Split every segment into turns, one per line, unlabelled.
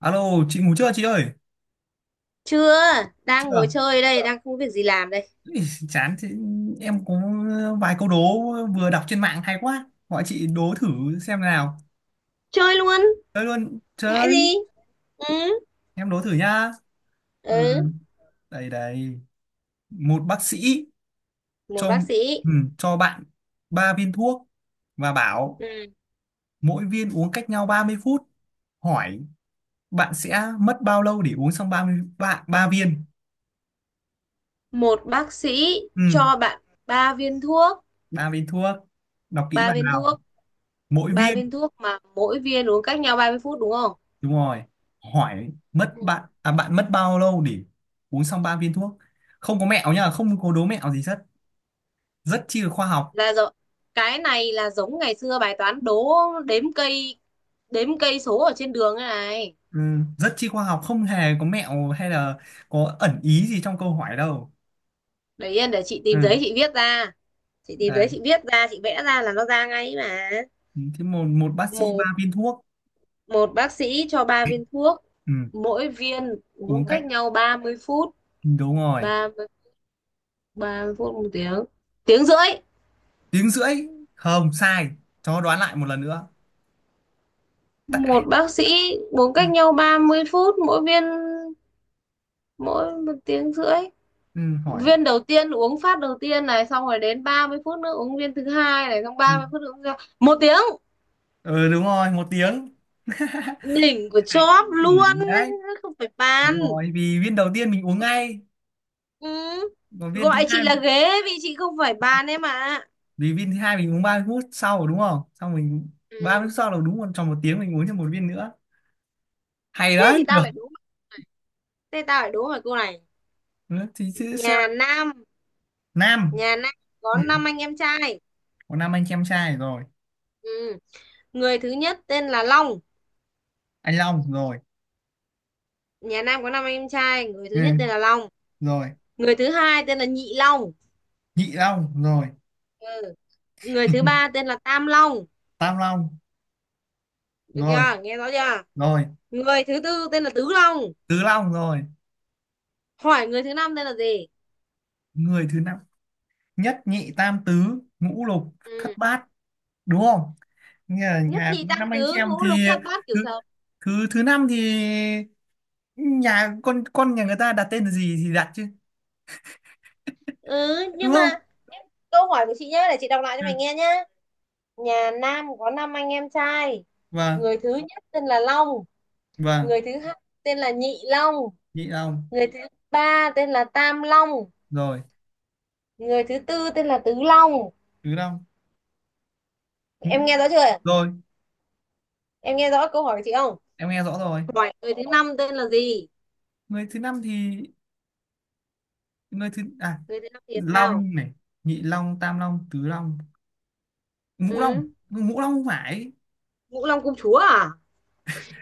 Alo, chị ngủ chưa chị ơi?
Chưa,
Chưa,
đang ngồi
à?
chơi đây, đang không có việc gì làm đây.
Ý, Chán thế, em có vài câu đố vừa đọc trên mạng hay quá. Gọi chị đố thử xem nào.
Chơi luôn,
Chơi luôn,
ngại
chơi.
gì? Ừ,
Em đố thử nhá. Ừ.
ừ,
Đây đây. Một bác sĩ
một
cho,
bác sĩ.
ừ, cho bạn ba viên thuốc và bảo
Ừ.
mỗi viên uống cách nhau 30 phút. Hỏi bạn sẽ mất bao lâu để uống xong ba viên?
Một bác sĩ
Ừ,
cho bạn ba viên thuốc,
ba viên thuốc. Đọc kỹ
ba
bạn
viên thuốc,
nào. Mỗi
ba
viên
viên thuốc mà mỗi viên uống cách nhau 30 phút, đúng không?
đúng rồi, hỏi mất
Ừ.
bạn à, bạn mất bao lâu để uống xong ba viên thuốc. Không có mẹo nhá, không có đố mẹo gì hết, rất chi là khoa học.
Là rồi. Cái này là giống ngày xưa bài toán đố đếm cây đếm cây số ở trên đường thế này.
Ừ, rất chi khoa học, không hề có mẹo hay là có ẩn ý gì trong câu hỏi đâu.
Để yên để chị tìm giấy
Ừ.
chị viết ra. Chị tìm giấy
Đấy.
chị viết ra, chị vẽ ra là nó ra ngay mà.
Thế một một bác sĩ
một
ba viên thuốc,
một bác sĩ cho 3 viên thuốc,
ừ,
mỗi viên
uống
uống
cách,
cách nhau 30 phút.
đúng rồi,
ba 30 phút, một tiếng, tiếng rưỡi.
tiếng rưỡi không sai, cho đoán lại một lần nữa. Tại...
Một bác sĩ uống
ừ.
cách nhau 30 phút mỗi viên, mỗi một tiếng rưỡi.
Ừ, hỏi,
Viên đầu tiên uống phát đầu tiên này, xong rồi đến 30 phút nữa uống viên thứ hai này, xong
ừ,
30 phút nữa uống một tiếng.
ừ đúng rồi, một tiếng.
Đỉnh của
Tại-
chóp luôn,
để đấy,
không phải bàn.
đúng rồi, vì viên đầu tiên mình uống ngay,
Ừ.
còn viên thứ
Gọi chị
hai,
là ghế vì chị không phải bàn em ạ. À.
vì viên thứ hai mình uống 30 phút sau rồi đúng không, xong mình 30
Ừ.
phút sau là đúng, còn tròn một tiếng mình uống thêm một viên nữa. Hay
Thế
đấy,
thì tao
được.
lại đúng, thế tao lại đúng mày cô này.
Ừ, thì sẽ
nhà
là
Nam
Nam.
nhà Nam có
Ừ. Ừ,
năm anh em trai.
có Nam anh em trai rồi,
Ừ. Người thứ nhất tên là Long.
anh Long rồi.
Nhà Nam có năm anh em trai, người thứ
Ừ.
nhất
Ừ,
tên là Long,
rồi,
người thứ hai tên là Nhị Long.
Nhị Long rồi,
Ừ. Người thứ ba tên là Tam Long,
Tam Long,
được
rồi
chưa, nghe rõ chưa?
rồi,
Người thứ tư tên là Tứ Long.
Tứ Long rồi,
Hỏi người thứ năm tên là gì?
người thứ năm. Nhất nhị tam tứ ngũ lục
Ừ.
thất bát đúng không, nghe là
Nhất,
nhà
nhì,
cũng
tam,
năm anh
tứ,
chị em
ngũ,
thì
lục, thất, bát, cửu,
thứ,
thập.
thứ năm thì, nhà con nhà người ta đặt tên là gì thì đặt chứ,
Ừ,
đúng
nhưng mà
không.
câu hỏi của chị nhá, để chị đọc lại cho
Ừ.
mày nghe nhá. Nhà Nam có năm anh em trai,
Vâng.
người thứ nhất tên là Long,
Vâng.
người thứ hai tên là Nhị Long,
Nhị Long.
người thứ ba tên là Tam Long,
Rồi.
người thứ tư tên là Tứ Long.
Tứ Long. Ngũ
Em nghe rõ chưa ạ?
Long. Rồi,
Em nghe rõ câu hỏi của chị không?
em nghe rõ rồi.
Hỏi người thứ năm tên là gì?
Người thứ năm thì, người thứ à,
Người thứ năm thì sao?
Long này, Nhị Long, Tam Long, Tứ Long, Ngũ Long.
Ừ.
Ngũ Long không phải?
Ngũ Long Công Chúa à?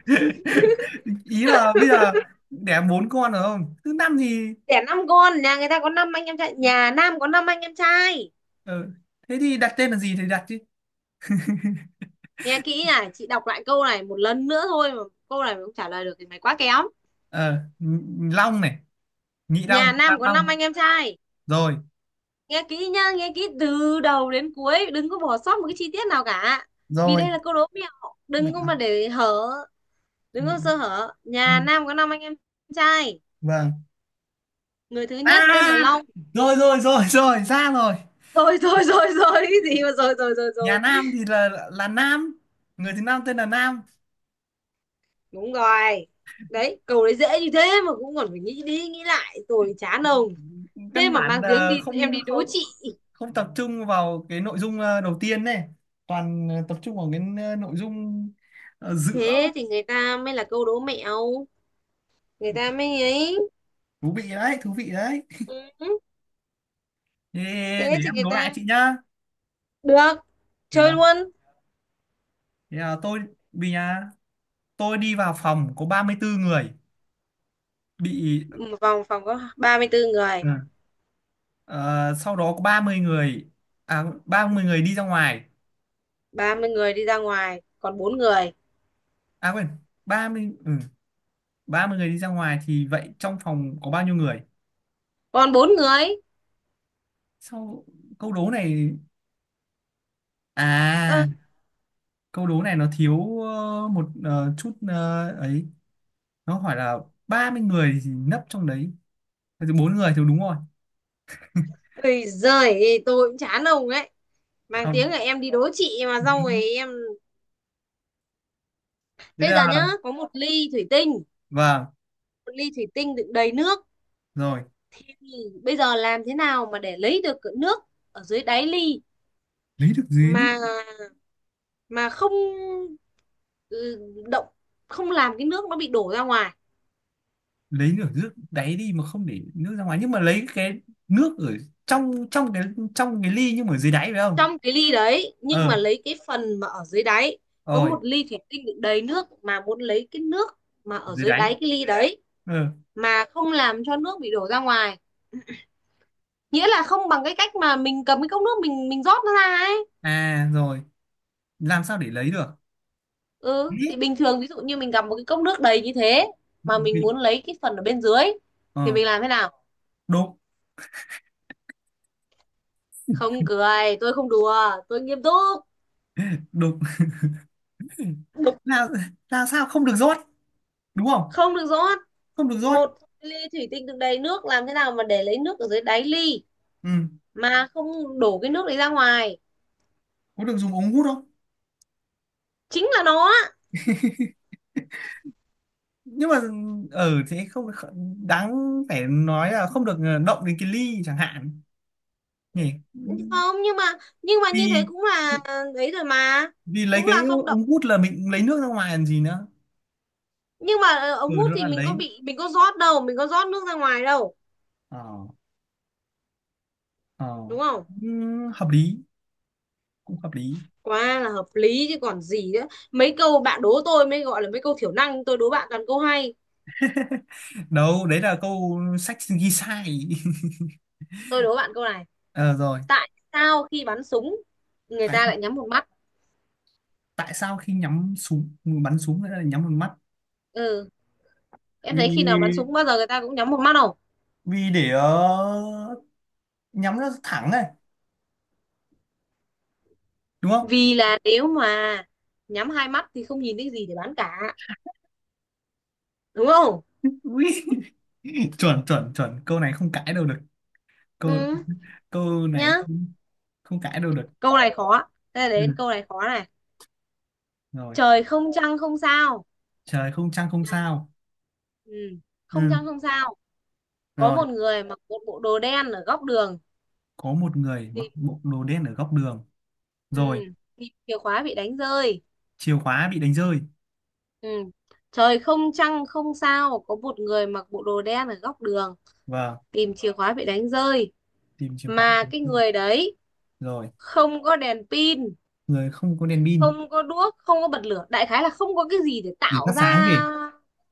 Ý là bây giờ đẻ bốn con rồi, không, thứ năm thì,
Đẻ năm con, nhà người ta có năm anh em trai, nhà Nam có năm anh em trai.
ờ, thế thì đặt tên là gì thì đặt chứ.
Nghe kỹ này, chị đọc lại câu này một lần nữa thôi mà. Câu này mà không trả lời được thì mày quá kém.
Ờ, Long này, Nhị Long,
Nhà Nam
Tam
có năm
Long.
anh em trai,
Rồi
nghe kỹ nhá, nghe kỹ từ đầu đến cuối, đừng có bỏ sót một cái chi tiết nào cả. Vì
rồi.
đây là câu đố mẹo,
Mẹ.
đừng có mà để hở, đừng có sơ hở.
Ừ.
Nhà Nam có năm anh em trai,
Vâng.
người thứ
À,
nhất tên là Long.
rồi rồi rồi rồi, ra rồi.
Rồi rồi rồi rồi, cái gì mà rồi rồi rồi
Nhà
rồi.
Nam thì là Nam, người thứ Nam tên là Nam.
Đúng rồi đấy, câu đấy dễ như thế mà cũng còn phải nghĩ đi nghĩ lại rồi, chán ông.
Căn
Thế mà
bản
mang tiếng
là
đi em
không,
đi đố
không,
chị.
không tập trung vào cái nội dung đầu tiên này, toàn tập trung vào cái, nội dung, giữa.
Thế thì người ta mới là câu đố mẹo, người ta mới ấy.
Thú vị đấy, thú vị đấy.
Ừ,
Thế
thế
để
thì
em
người
đố lại
ta.
chị nhá.
Được, chơi
Được.
luôn.
Thế là tôi, vì nhà, tôi đi vào phòng có 34 người bị.
Ừ, vòng phòng có 34 người,
Ừ. Ờ, sau đó có 30 người à, 30 người đi ra ngoài.
30 người đi ra ngoài, còn bốn người.
À quên, ba mươi, ừ, 30 người đi ra ngoài thì vậy trong phòng có bao nhiêu người.
Còn bốn người.
Sau, câu đố này, à,
Ơ,
câu đố này nó thiếu một chút ấy. Nó hỏi là 30 người thì nấp trong đấy, thế thì bốn người thì đúng rồi.
ơi giời, tôi cũng chán ông ấy, mang tiếng
Không.
là em đi đố chị mà xong rồi em.
Thế
Thế
là,
giờ nhá, có một ly thủy tinh,
vâng,
một ly thủy tinh đựng đầy nước.
rồi,
Thế thì bây giờ làm thế nào mà để lấy được cái nước ở dưới đáy ly,
lấy được gì nữa.
mà mà không, ừ, động, không làm cái nước nó bị đổ ra ngoài.
Lấy được nước đáy đi mà không để nước ra ngoài, nhưng mà lấy cái nước ở trong trong cái, trong cái ly nhưng mà dưới đáy phải không.
Trong cái ly đấy nhưng
Ờ,
mà lấy cái phần mà ở dưới đáy. Có
rồi.
một ly thủy tinh đựng đầy nước mà muốn lấy cái nước mà ở
Dưới
dưới
đáy,
đáy cái ly đấy,
ờ.
mà không làm cho nước bị đổ ra ngoài. Nghĩa là không bằng cái cách mà mình cầm cái cốc nước mình rót nó ra ấy.
À rồi, làm sao để lấy được.
Ừ
Ý,
thì bình thường, ví dụ như mình cầm một cái cốc nước đầy như thế mà mình
thì-
muốn lấy cái phần ở bên dưới thì
ờ,
mình làm thế nào?
đục.
Không cười, tôi không đùa, tôi nghiêm túc.
Đục. là là sao, không được rót đúng không.
Không được rót.
Không được rót.
Một ly thủy tinh đựng đầy nước, làm thế nào mà để lấy nước ở dưới đáy ly
Ừ,
mà không đổ cái nước đấy ra ngoài?
có được dùng ống hút không.
Chính là nó á.
Nhưng mà ở thế không kh- đáng phải nói là không được, động đến cái ly chẳng hạn, nhỉ.
Không, nhưng mà, nhưng mà như thế
Vì,
cũng là,
vì,
đấy rồi mà,
vì lấy
cũng
cái
là không động.
ống hút là mình lấy nước ra ngoài làm gì nữa.
Nhưng mà ống
Ừ,
hút
nó
thì
là lấy,
mình có rót đâu, mình có rót nước ra ngoài đâu.
ờ, ờ.
Đúng không?
Ừ, hợp lý, cũng hợp lý.
Quá là hợp lý chứ còn gì nữa. Mấy câu bạn đố tôi mới gọi là mấy câu thiểu năng, tôi đố bạn toàn câu hay.
Đâu đấy là câu sách ghi sai.
Tôi đố bạn câu này.
Ờ rồi.
Tại sao khi bắn súng người
Tại,
ta lại nhắm một mắt?
tại sao khi nhắm súng, bắn súng lại là nhắm vào mắt.
Ừ, em thấy khi nào bắn
Vì,
súng bao giờ người ta cũng nhắm một mắt không?
vì để, nhắm nó thẳng này, đúng không.
Vì là nếu mà nhắm hai mắt thì không nhìn thấy gì để bắn cả. Đúng không?
Ui, chuẩn chuẩn chuẩn, câu này không cãi đâu được.
Ừ.
Câu, câu này
Nhá,
không cãi đâu được.
câu này khó. Thế
Ừ.
đến câu này khó này.
Rồi.
Trời không trăng không sao.
Trời không trăng không sao.
Ừ. Không
Ừ.
trăng không sao, có
Rồi.
một người mặc một bộ đồ đen ở góc đường,
Có một người mặc
tìm.
bộ đồ đen ở góc đường.
Ừ.
Rồi.
Tìm chìa khóa bị đánh rơi.
Chìa khóa bị đánh rơi.
Ừ. Trời không trăng không sao, có một người mặc bộ đồ đen ở góc đường,
Vâng.
tìm chìa khóa bị đánh rơi.
Tìm chìa khóa bị
Mà
đánh
cái
rơi.
người đấy
Rồi.
không có đèn pin,
Người không có đèn pin,
không có đuốc, không có bật lửa, đại khái là không có cái gì để
để phát
tạo
sáng
ra
gì.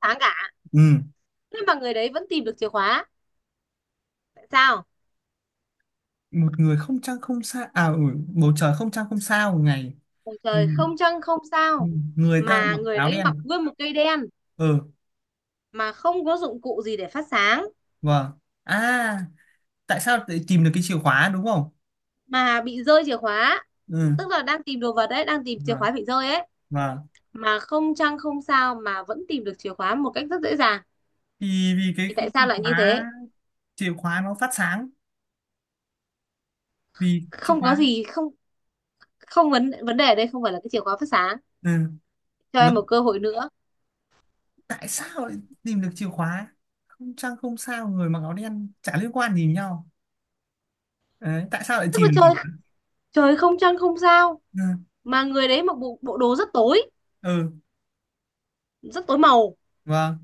sáng cả.
Ừ,
Thế mà người đấy vẫn tìm được chìa khóa. Tại sao?
một người không trăng không sao à, ừ, bầu trời không trăng không sao ngày.
Ôi
Ừ.
trời, không trăng không
Ừ,
sao,
người ta
mà
mặc
người
áo
đấy
đen.
mặc nguyên một cây đen,
Ừ.
mà không có dụng cụ gì để phát sáng,
Vâng. À, tại sao lại tìm được cái chìa khóa đúng không.
mà bị rơi chìa khóa.
Ừ.
Tức là đang tìm đồ vật đấy, đang tìm chìa
Vâng.
khóa bị rơi ấy,
Vâng.
mà không trăng không sao mà vẫn tìm được chìa khóa một cách rất dễ dàng.
Thì vì cái
Thì tại
chìa
sao lại như
khóa,
thế?
chìa khóa nó phát sáng, vì chìa
Không có
khóa.
gì, không không vấn vấn đề ở đây không phải là cái chìa khóa phát sáng.
Ừ.
Cho
Nó,
em một cơ hội nữa.
tại sao lại tìm được chìa khóa, không trăng không sao, người mặc áo đen chả liên quan gì nhau. Đấy, tại sao lại
Tức
tìm
là
được chìa
trời
khóa.
trời không trăng không sao,
Ừ.
mà người đấy mặc bộ bộ đồ rất tối,
Ừ,
rất tối màu.
vâng.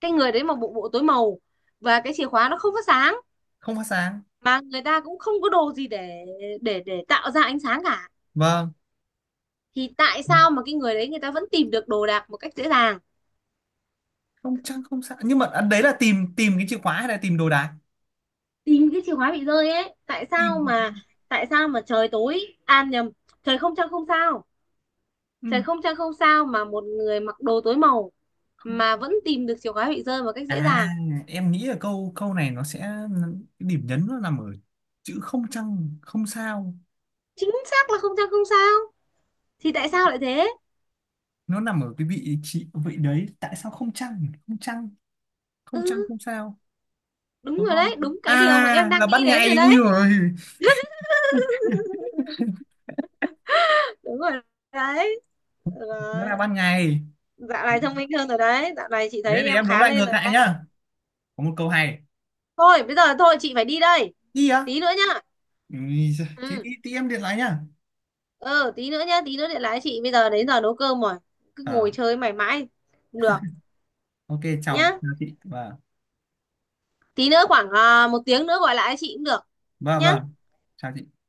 Cái người đấy mặc bộ bộ tối màu và cái chìa khóa nó không phát sáng,
Không phát sáng.
mà người ta cũng không có đồ gì để để tạo ra ánh sáng cả.
Vâng.
Thì tại sao mà cái người đấy người ta vẫn tìm được đồ đạc một cách dễ dàng?
Không trăng không sao, nhưng mà à, đấy là tìm, tìm cái chìa khóa hay là tìm đồ đạc.
Tìm cái chìa khóa bị rơi ấy. Tại
Tìm.
sao mà, trời tối, an nhầm, trời không trăng không sao.
Ừ.
Trời không trăng không sao mà một người mặc đồ tối màu
Không.
mà vẫn tìm được chìa khóa bị rơi một cách dễ
À,
dàng.
em nghĩ là câu, câu này nó sẽ, cái điểm nhấn nó nằm ở chữ không trăng không sao.
Chính xác là không trăng không sao, thì tại sao lại thế?
Nó nằm ở cái vị trí vị đấy, tại sao không trăng, không trăng,
Ừ,
không trăng không sao
đúng
đúng
rồi
không.
đấy, đúng cái điều mà em
À
đang
là
nghĩ
ban
đến rồi
ngày, ui
đấy.
rồi.
Đúng rồi đấy.
Nó
Rồi.
là ban ngày.
Dạo này thông minh hơn rồi đấy, dạo này chị
Thế
thấy
để
em
em đố
khá
lại
lên
ngược
rồi
lại
đấy.
nhá, có một câu hay.
Thôi bây giờ thôi, chị phải đi đây.
Đi á?
Tí nữa nhá.
Ừ, thế
Ừ.
tí, tí em điện lại nhá.
Ừ, tí nữa nhá, tí nữa điện lại chị, bây giờ đến giờ nấu cơm rồi, cứ
Ờ,
ngồi chơi mày mãi không được.
ok, chào
Nhá,
chào chị, vâng
tí nữa khoảng một tiếng nữa gọi lại chị cũng được.
vâng
Nhá.
vâng, chào chị.